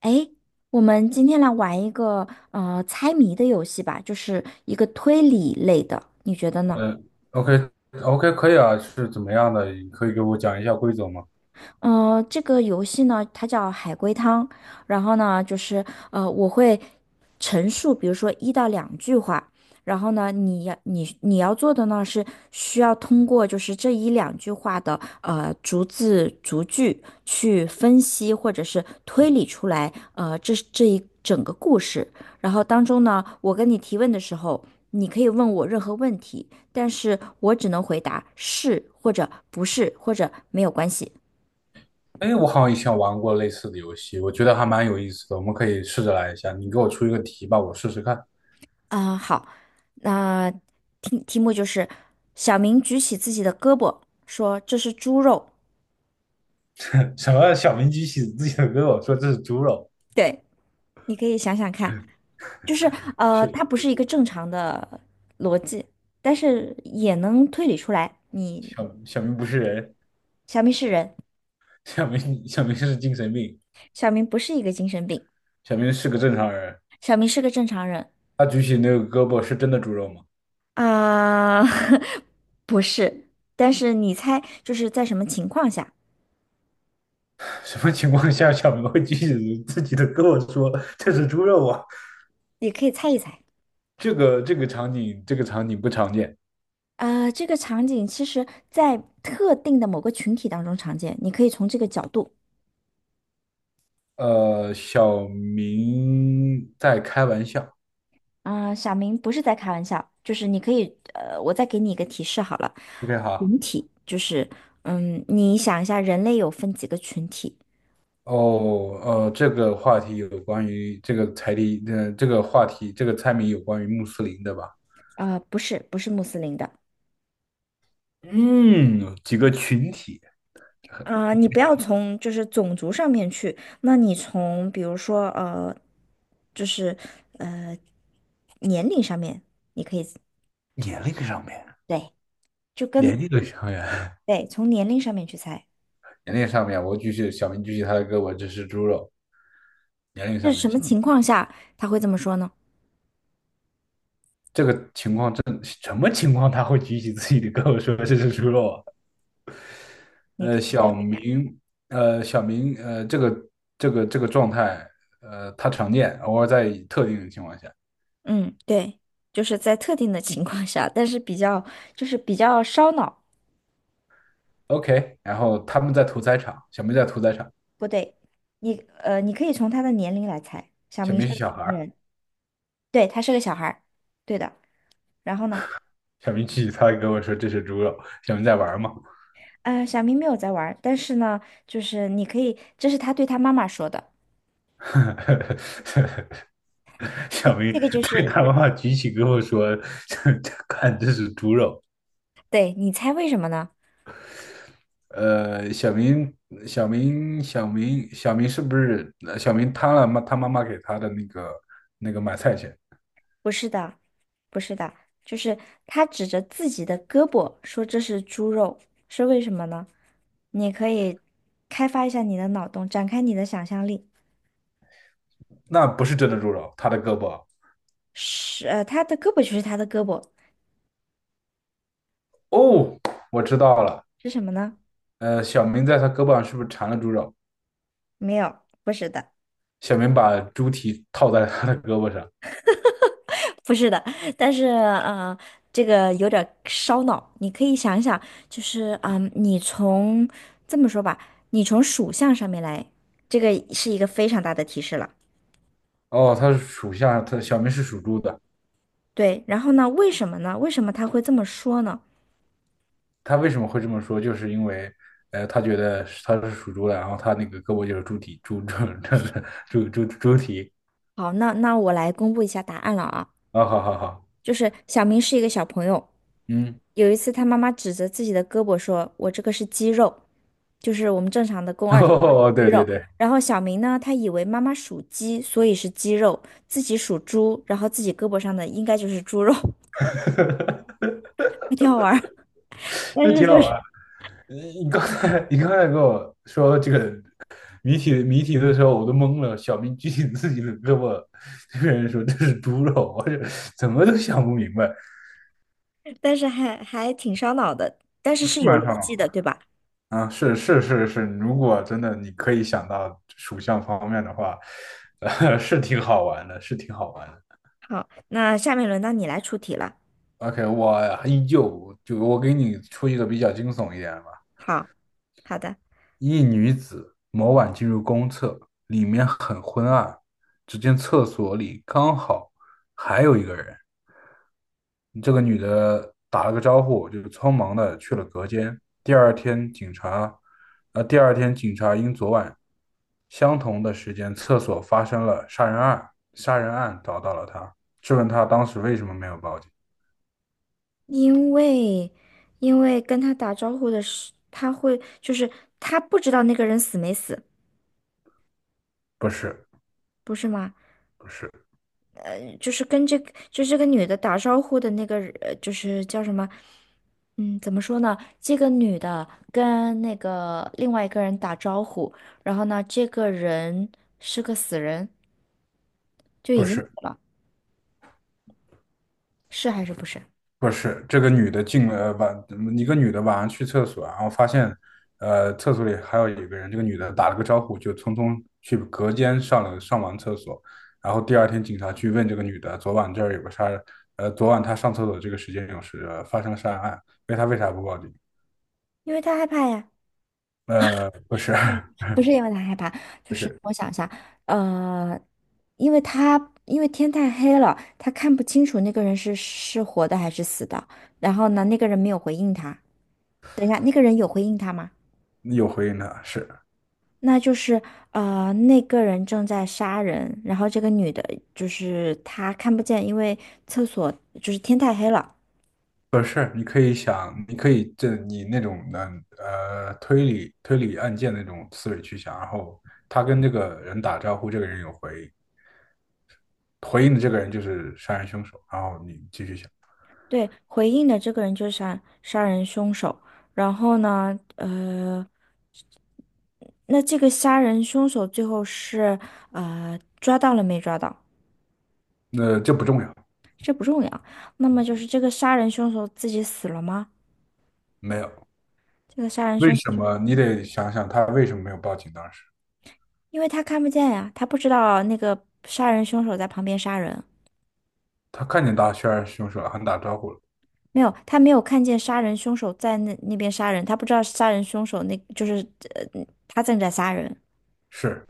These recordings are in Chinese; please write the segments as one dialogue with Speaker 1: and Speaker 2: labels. Speaker 1: 诶，我们今天来玩一个猜谜的游戏吧，就是一个推理类的，你觉得呢？
Speaker 2: 呃，OK OK 可以啊，是怎么样的？你可以给我讲一下规则吗？
Speaker 1: 这个游戏呢，它叫海龟汤。然后呢，就是我会陈述，比如说一到两句话。然后呢，你要做的呢是需要通过就是这一两句话的逐字逐句去分析或者是推理出来这一整个故事。然后当中呢，我跟你提问的时候，你可以问我任何问题，但是我只能回答是或者不是或者没有关系。
Speaker 2: 哎，我好像以前玩过类似的游戏，我觉得还蛮有意思的，我们可以试着来一下。你给我出一个题吧，我试试看。
Speaker 1: 好，那题目就是小明举起自己的胳膊，说这是猪肉。
Speaker 2: 什么小明举起自己的胳膊说这是猪肉，
Speaker 1: 对，你可以想想看，就是
Speaker 2: 小
Speaker 1: 它不是一个正常的逻辑，但是也能推理出来。你
Speaker 2: 小明不是人，
Speaker 1: 小明是人，
Speaker 2: 小明是精神病，
Speaker 1: 小明不是一个精神病，
Speaker 2: 小明是个正常人。
Speaker 1: 小明是个正常人。
Speaker 2: 他举起那个胳膊是真的猪肉吗？
Speaker 1: 啊、不是。但是你猜，就是在什么情况下，
Speaker 2: 什么情况下小明会举起自己的胳膊说这是猪肉啊？
Speaker 1: 你可以猜一猜。
Speaker 2: 场景这个场景不常见。
Speaker 1: 这个场景其实在特定的某个群体当中常见，你可以从这个角度。
Speaker 2: 小明在开玩笑。
Speaker 1: 小明不是在开玩笑，就是你可以，我再给你一个提示好了，
Speaker 2: OK，好。
Speaker 1: 就是，嗯，你想一下，人类有分几个群体？
Speaker 2: 哦，这个话题有关于这个猜题，这个话题，这个猜谜有关于穆斯林的吧？
Speaker 1: 不是，不是穆斯林的。
Speaker 2: 嗯，几个群体，
Speaker 1: 你不要从就是种族上面去，那你从比如说就是呃年龄上面，
Speaker 2: 年龄上面，
Speaker 1: 对，就
Speaker 2: 年
Speaker 1: 跟
Speaker 2: 龄的上面，
Speaker 1: 对从年龄上面去猜，
Speaker 2: 年龄上面，我举起小明举起他的胳膊，这是猪肉。年龄
Speaker 1: 是
Speaker 2: 上
Speaker 1: 什
Speaker 2: 面，
Speaker 1: 么情况下他会这么说呢？
Speaker 2: 这个情况真什么情况他会举起自己的胳膊说这是猪肉啊？
Speaker 1: 你可
Speaker 2: 呃，
Speaker 1: 以猜
Speaker 2: 小
Speaker 1: 猜看。
Speaker 2: 明，小明，这个状态，他常见，偶尔在特定的情况下。
Speaker 1: 嗯，对，就是在特定的情况下，但是比较就是比较烧脑。
Speaker 2: OK，然后他们在屠宰场，小明在屠宰场，
Speaker 1: 不对，你你可以从他的年龄来猜。小
Speaker 2: 小
Speaker 1: 明是
Speaker 2: 明是
Speaker 1: 个
Speaker 2: 小
Speaker 1: 什
Speaker 2: 孩
Speaker 1: 么
Speaker 2: 儿，
Speaker 1: 人，对，他是个小孩儿，对的。然后呢，
Speaker 2: 小明去，他跟我说这是猪肉，小明在玩儿嘛，
Speaker 1: 小明没有在玩儿，但是呢，就是你可以，这是他对他妈妈说的。这
Speaker 2: 小明
Speaker 1: 这个就
Speaker 2: 对
Speaker 1: 是，
Speaker 2: 他妈妈举起跟我说，看这是猪肉。
Speaker 1: 对，你猜为什么呢？
Speaker 2: 呃，小明，小明是不是？小明贪了妈他妈妈给他的那个买菜钱。
Speaker 1: 不是的，不是的，就是他指着自己的胳膊说这是猪肉，是为什么呢？你可以开发一下你的脑洞，展开你的想象力。
Speaker 2: 那不是真的猪肉，他的胳膊。
Speaker 1: 是，他的胳膊就是他的胳膊，
Speaker 2: 哦，我知道了。
Speaker 1: 是什么呢？
Speaker 2: 小明在他胳膊上是不是缠了猪肉？
Speaker 1: 没有，不是的，
Speaker 2: 小明把猪蹄套在他的胳膊上。
Speaker 1: 不是的。但是，这个有点烧脑，你可以想一想，就是，嗯，你从这么说吧，你从属相上面来，这个是一个非常大的提示了。
Speaker 2: 哦，他是属相，他小明是属猪的。
Speaker 1: 对，然后呢？为什么呢？为什么他会这么说呢？
Speaker 2: 他为什么会这么说？就是因为，他觉得他是属猪的，然后他那个胳膊就是猪蹄，猪猪猪猪蹄。
Speaker 1: 好，那我来公布一下答案了啊，
Speaker 2: 哦好好好，
Speaker 1: 就是小明是一个小朋友，
Speaker 2: 嗯，
Speaker 1: 有一次他妈妈指着自己的胳膊说：“我这个是肌肉，就是我们正常的肱 二头
Speaker 2: 哦，
Speaker 1: 肌
Speaker 2: 对对
Speaker 1: 肉。”
Speaker 2: 对，
Speaker 1: 然后小明呢，他以为妈妈属鸡，所以是鸡肉；自己属猪，然后自己胳膊上的应该就是猪肉，还挺好玩儿。但
Speaker 2: 这
Speaker 1: 是
Speaker 2: 挺
Speaker 1: 就
Speaker 2: 好
Speaker 1: 是，
Speaker 2: 玩。你刚才跟我说这个谜题的时候我都懵了，小明举起自己的胳膊，这个人说这是猪肉，我这怎么都想不明白，
Speaker 1: 但是还挺烧脑的，但是
Speaker 2: 是
Speaker 1: 是有
Speaker 2: 蛮上
Speaker 1: 逻
Speaker 2: 脑
Speaker 1: 辑的，对
Speaker 2: 的
Speaker 1: 吧？
Speaker 2: 啊，是是是是，如果真的你可以想到属相方面的话，是挺好玩的，是挺好玩的。
Speaker 1: 好，那下面轮到你来出题了。
Speaker 2: OK，我依旧就我给你出一个比较惊悚一点的吧。
Speaker 1: 好，好的。
Speaker 2: 一女子某晚进入公厕，里面很昏暗，只见厕所里刚好还有一个人。这个女的打了个招呼，就匆忙的去了隔间。第二天，警察，第二天警察因昨晚相同的时间厕所发生了杀人案，杀人案找到了她，质问她当时为什么没有报警。
Speaker 1: 因为，因为跟他打招呼的是，他会就是他不知道那个人死没死，
Speaker 2: 不是，
Speaker 1: 不是吗？
Speaker 2: 不是，
Speaker 1: 就是跟这个就这个女的打招呼的那个人就是叫什么？嗯，怎么说呢？这个女的跟那个另外一个人打招呼，然后呢，这个人是个死人，就已
Speaker 2: 不
Speaker 1: 经死
Speaker 2: 是。
Speaker 1: 了，是还是不是？
Speaker 2: 不是，这个女的进了晚，一个女的晚上去厕所，然后发现，厕所里还有一个人。这个女的打了个招呼，就匆匆去隔间上完厕所。然后第二天警察去问这个女的，昨晚这儿有个杀人，昨晚她上厕所这个时间发生了杀人案，问她为啥不报警？
Speaker 1: 因为他害怕呀。
Speaker 2: 不是，
Speaker 1: 不是因为他害怕，就
Speaker 2: 不
Speaker 1: 是
Speaker 2: 是
Speaker 1: 我想一下，呃，因为他因为天太黑了，他看不清楚那个人是活的还是死的。然后呢，那个人没有回应他。等一下，那个人有回应他吗？
Speaker 2: 有回应的，是。
Speaker 1: 那就是那个人正在杀人，然后这个女的就是她看不见，因为厕所就是天太黑了。
Speaker 2: 不是，你可以想，你可以这你那种的推理案件那种思维去想，然后他跟这个人打招呼，这个人有回应，回应的这个人就是杀人凶手，然后你继续想，
Speaker 1: 对，回应的这个人就是杀人凶手。然后呢，呃。那这个杀人凶手最后是抓到了没抓到？
Speaker 2: 那这不重要，
Speaker 1: 这不重要。那么就是这个杀人凶手自己死了吗？
Speaker 2: 没有，
Speaker 1: 这个杀人
Speaker 2: 为
Speaker 1: 凶手，
Speaker 2: 什么你得想想他为什么没有报警？当时
Speaker 1: 因为他看不见呀，他不知道那个杀人凶手在旁边杀人，
Speaker 2: 他看见大杀人凶手了，还打招呼了，
Speaker 1: 没有，他没有看见杀人凶手在那边杀人，他不知道杀人凶手那就是他正在杀人，
Speaker 2: 是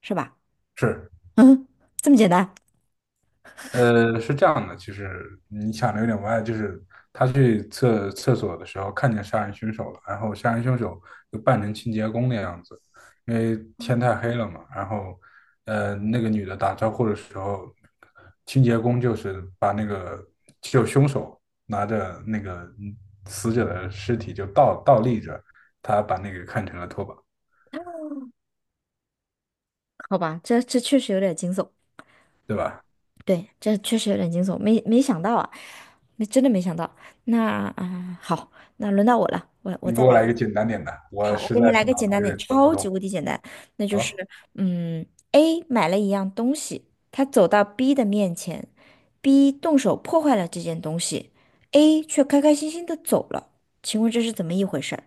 Speaker 1: 是吧？
Speaker 2: 是，
Speaker 1: 嗯，这么简单？
Speaker 2: 是这样的，就是你想的有点歪，就是他去厕所的时候看见杀人凶手了，然后杀人凶手就扮成清洁工的样子，因为天太黑了嘛，然后那个女的打招呼的时候，清洁工就是把那个凶手拿着那个死者的尸体就倒立着，他把那个看成了拖把，
Speaker 1: 好吧，这这确实有点惊悚。
Speaker 2: 对吧？
Speaker 1: 对，这确实有点惊悚，没想到啊，没真的没想到。那好，那轮到我了，我
Speaker 2: 你
Speaker 1: 再
Speaker 2: 给我来一
Speaker 1: 来。
Speaker 2: 个简单点的，我
Speaker 1: 好，我
Speaker 2: 实
Speaker 1: 给你
Speaker 2: 在
Speaker 1: 来
Speaker 2: 是
Speaker 1: 个
Speaker 2: 脑
Speaker 1: 简
Speaker 2: 子
Speaker 1: 单
Speaker 2: 有
Speaker 1: 点，
Speaker 2: 点转不
Speaker 1: 超级
Speaker 2: 动。
Speaker 1: 无敌简单，那就是
Speaker 2: 好，
Speaker 1: 嗯，A 买了一样东西，他走到 B 的面前，B 动手破坏了这件东西，A 却开开心心的走了。请问这是怎么一回事儿？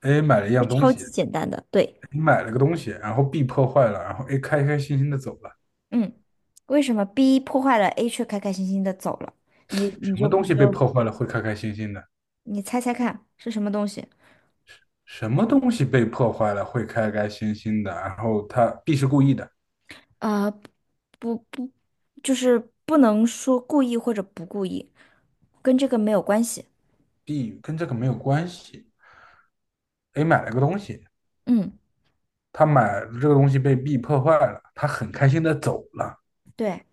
Speaker 2: 哎，买了一
Speaker 1: 这
Speaker 2: 样东
Speaker 1: 超
Speaker 2: 西。
Speaker 1: 级简单的，对，
Speaker 2: 你买了个东西，然后 B 破坏了，然后 A 开开心心的走了。
Speaker 1: 嗯，为什么 B 破坏了，A 却开开心心的走了？你你
Speaker 2: 什
Speaker 1: 就
Speaker 2: 么东
Speaker 1: 你
Speaker 2: 西被
Speaker 1: 就
Speaker 2: 破坏了会开开心心的？
Speaker 1: 你猜猜看是什么东西？
Speaker 2: 什么东西被破坏了会开开心心的？然后他 B 是故意的，
Speaker 1: 啊，不，就是不能说故意或者不故意，跟这个没有关系。
Speaker 2: 跟这个没有关系。A 买了个东西，
Speaker 1: 嗯，
Speaker 2: 他买这个东西被 B 破坏了，他很开心的走了。
Speaker 1: 对，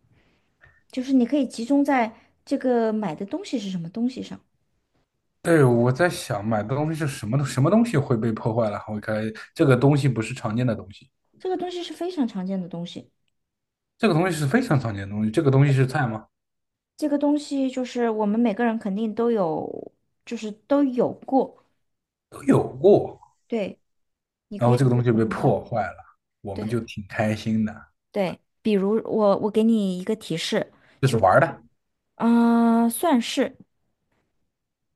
Speaker 1: 就是你可以集中在这个买的东西是什么东西上，
Speaker 2: 对，我在想买的东西是什么？什么东西会被破坏了？会开这个东西不是常见的东西，
Speaker 1: 这个东西是非常常见的东西，
Speaker 2: 这个东西是非常常见的东西。这个东西是菜吗？
Speaker 1: 这个东西就是我们每个人肯定都有，就是都有过。对，你
Speaker 2: 然
Speaker 1: 可以
Speaker 2: 后这个
Speaker 1: 试
Speaker 2: 东西
Speaker 1: 着
Speaker 2: 被
Speaker 1: 放下。
Speaker 2: 破坏了，我们就
Speaker 1: 对
Speaker 2: 挺开心的。
Speaker 1: 对，比如我给你一个提示，
Speaker 2: 就是玩儿的。
Speaker 1: 嗯、算是。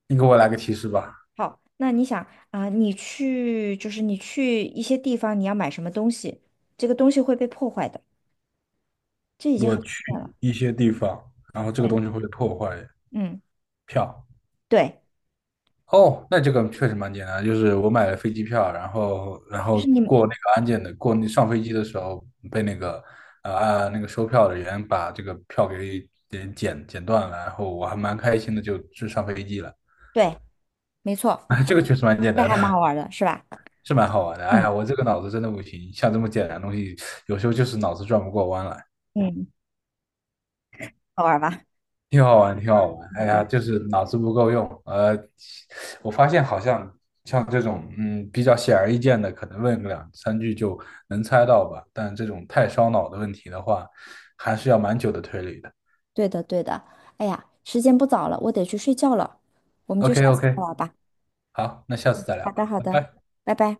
Speaker 2: 你给我来个提示吧。
Speaker 1: 好，那你想啊，你去就是你去一些地方，你要买什么东西，这个东西会被破坏的，这已经
Speaker 2: 我
Speaker 1: 很明
Speaker 2: 去
Speaker 1: 显了。
Speaker 2: 一些地方，然后这个
Speaker 1: 对，
Speaker 2: 东西会破坏
Speaker 1: 嗯，
Speaker 2: 票。
Speaker 1: 对，
Speaker 2: 哦，那这个确实蛮简单，就是我买了飞机票，然
Speaker 1: 就是
Speaker 2: 后
Speaker 1: 你，
Speaker 2: 过那个安检的，过那上飞机的时候被那个那个收票的人把这个票给剪断了，然后我还蛮开心的，就上飞机了。
Speaker 1: 对，没错，
Speaker 2: 这个确实蛮简
Speaker 1: 这
Speaker 2: 单
Speaker 1: 还蛮好
Speaker 2: 的，
Speaker 1: 玩儿的，是吧？
Speaker 2: 是蛮好玩的。哎
Speaker 1: 嗯
Speaker 2: 呀，我这个脑子真的不行，像这么简单的东西，有时候就是脑子转不过弯来。
Speaker 1: 嗯，好玩儿吧？
Speaker 2: 挺好玩，挺好玩。
Speaker 1: 好
Speaker 2: 哎呀，
Speaker 1: 的，
Speaker 2: 就是脑子不够用。我发现好像像这种，嗯，比较显而易见的，可能问个两三句就能猜到吧。但这种太烧脑的问题的话，还是要蛮久的推理的。
Speaker 1: 对的对的。哎呀，时间不早了，我得去睡觉了，我们就下次再
Speaker 2: OK，OK，
Speaker 1: 玩儿吧。
Speaker 2: 好，那下次再聊
Speaker 1: 好的
Speaker 2: 吧，
Speaker 1: 好
Speaker 2: 拜
Speaker 1: 的，
Speaker 2: 拜。
Speaker 1: 拜拜。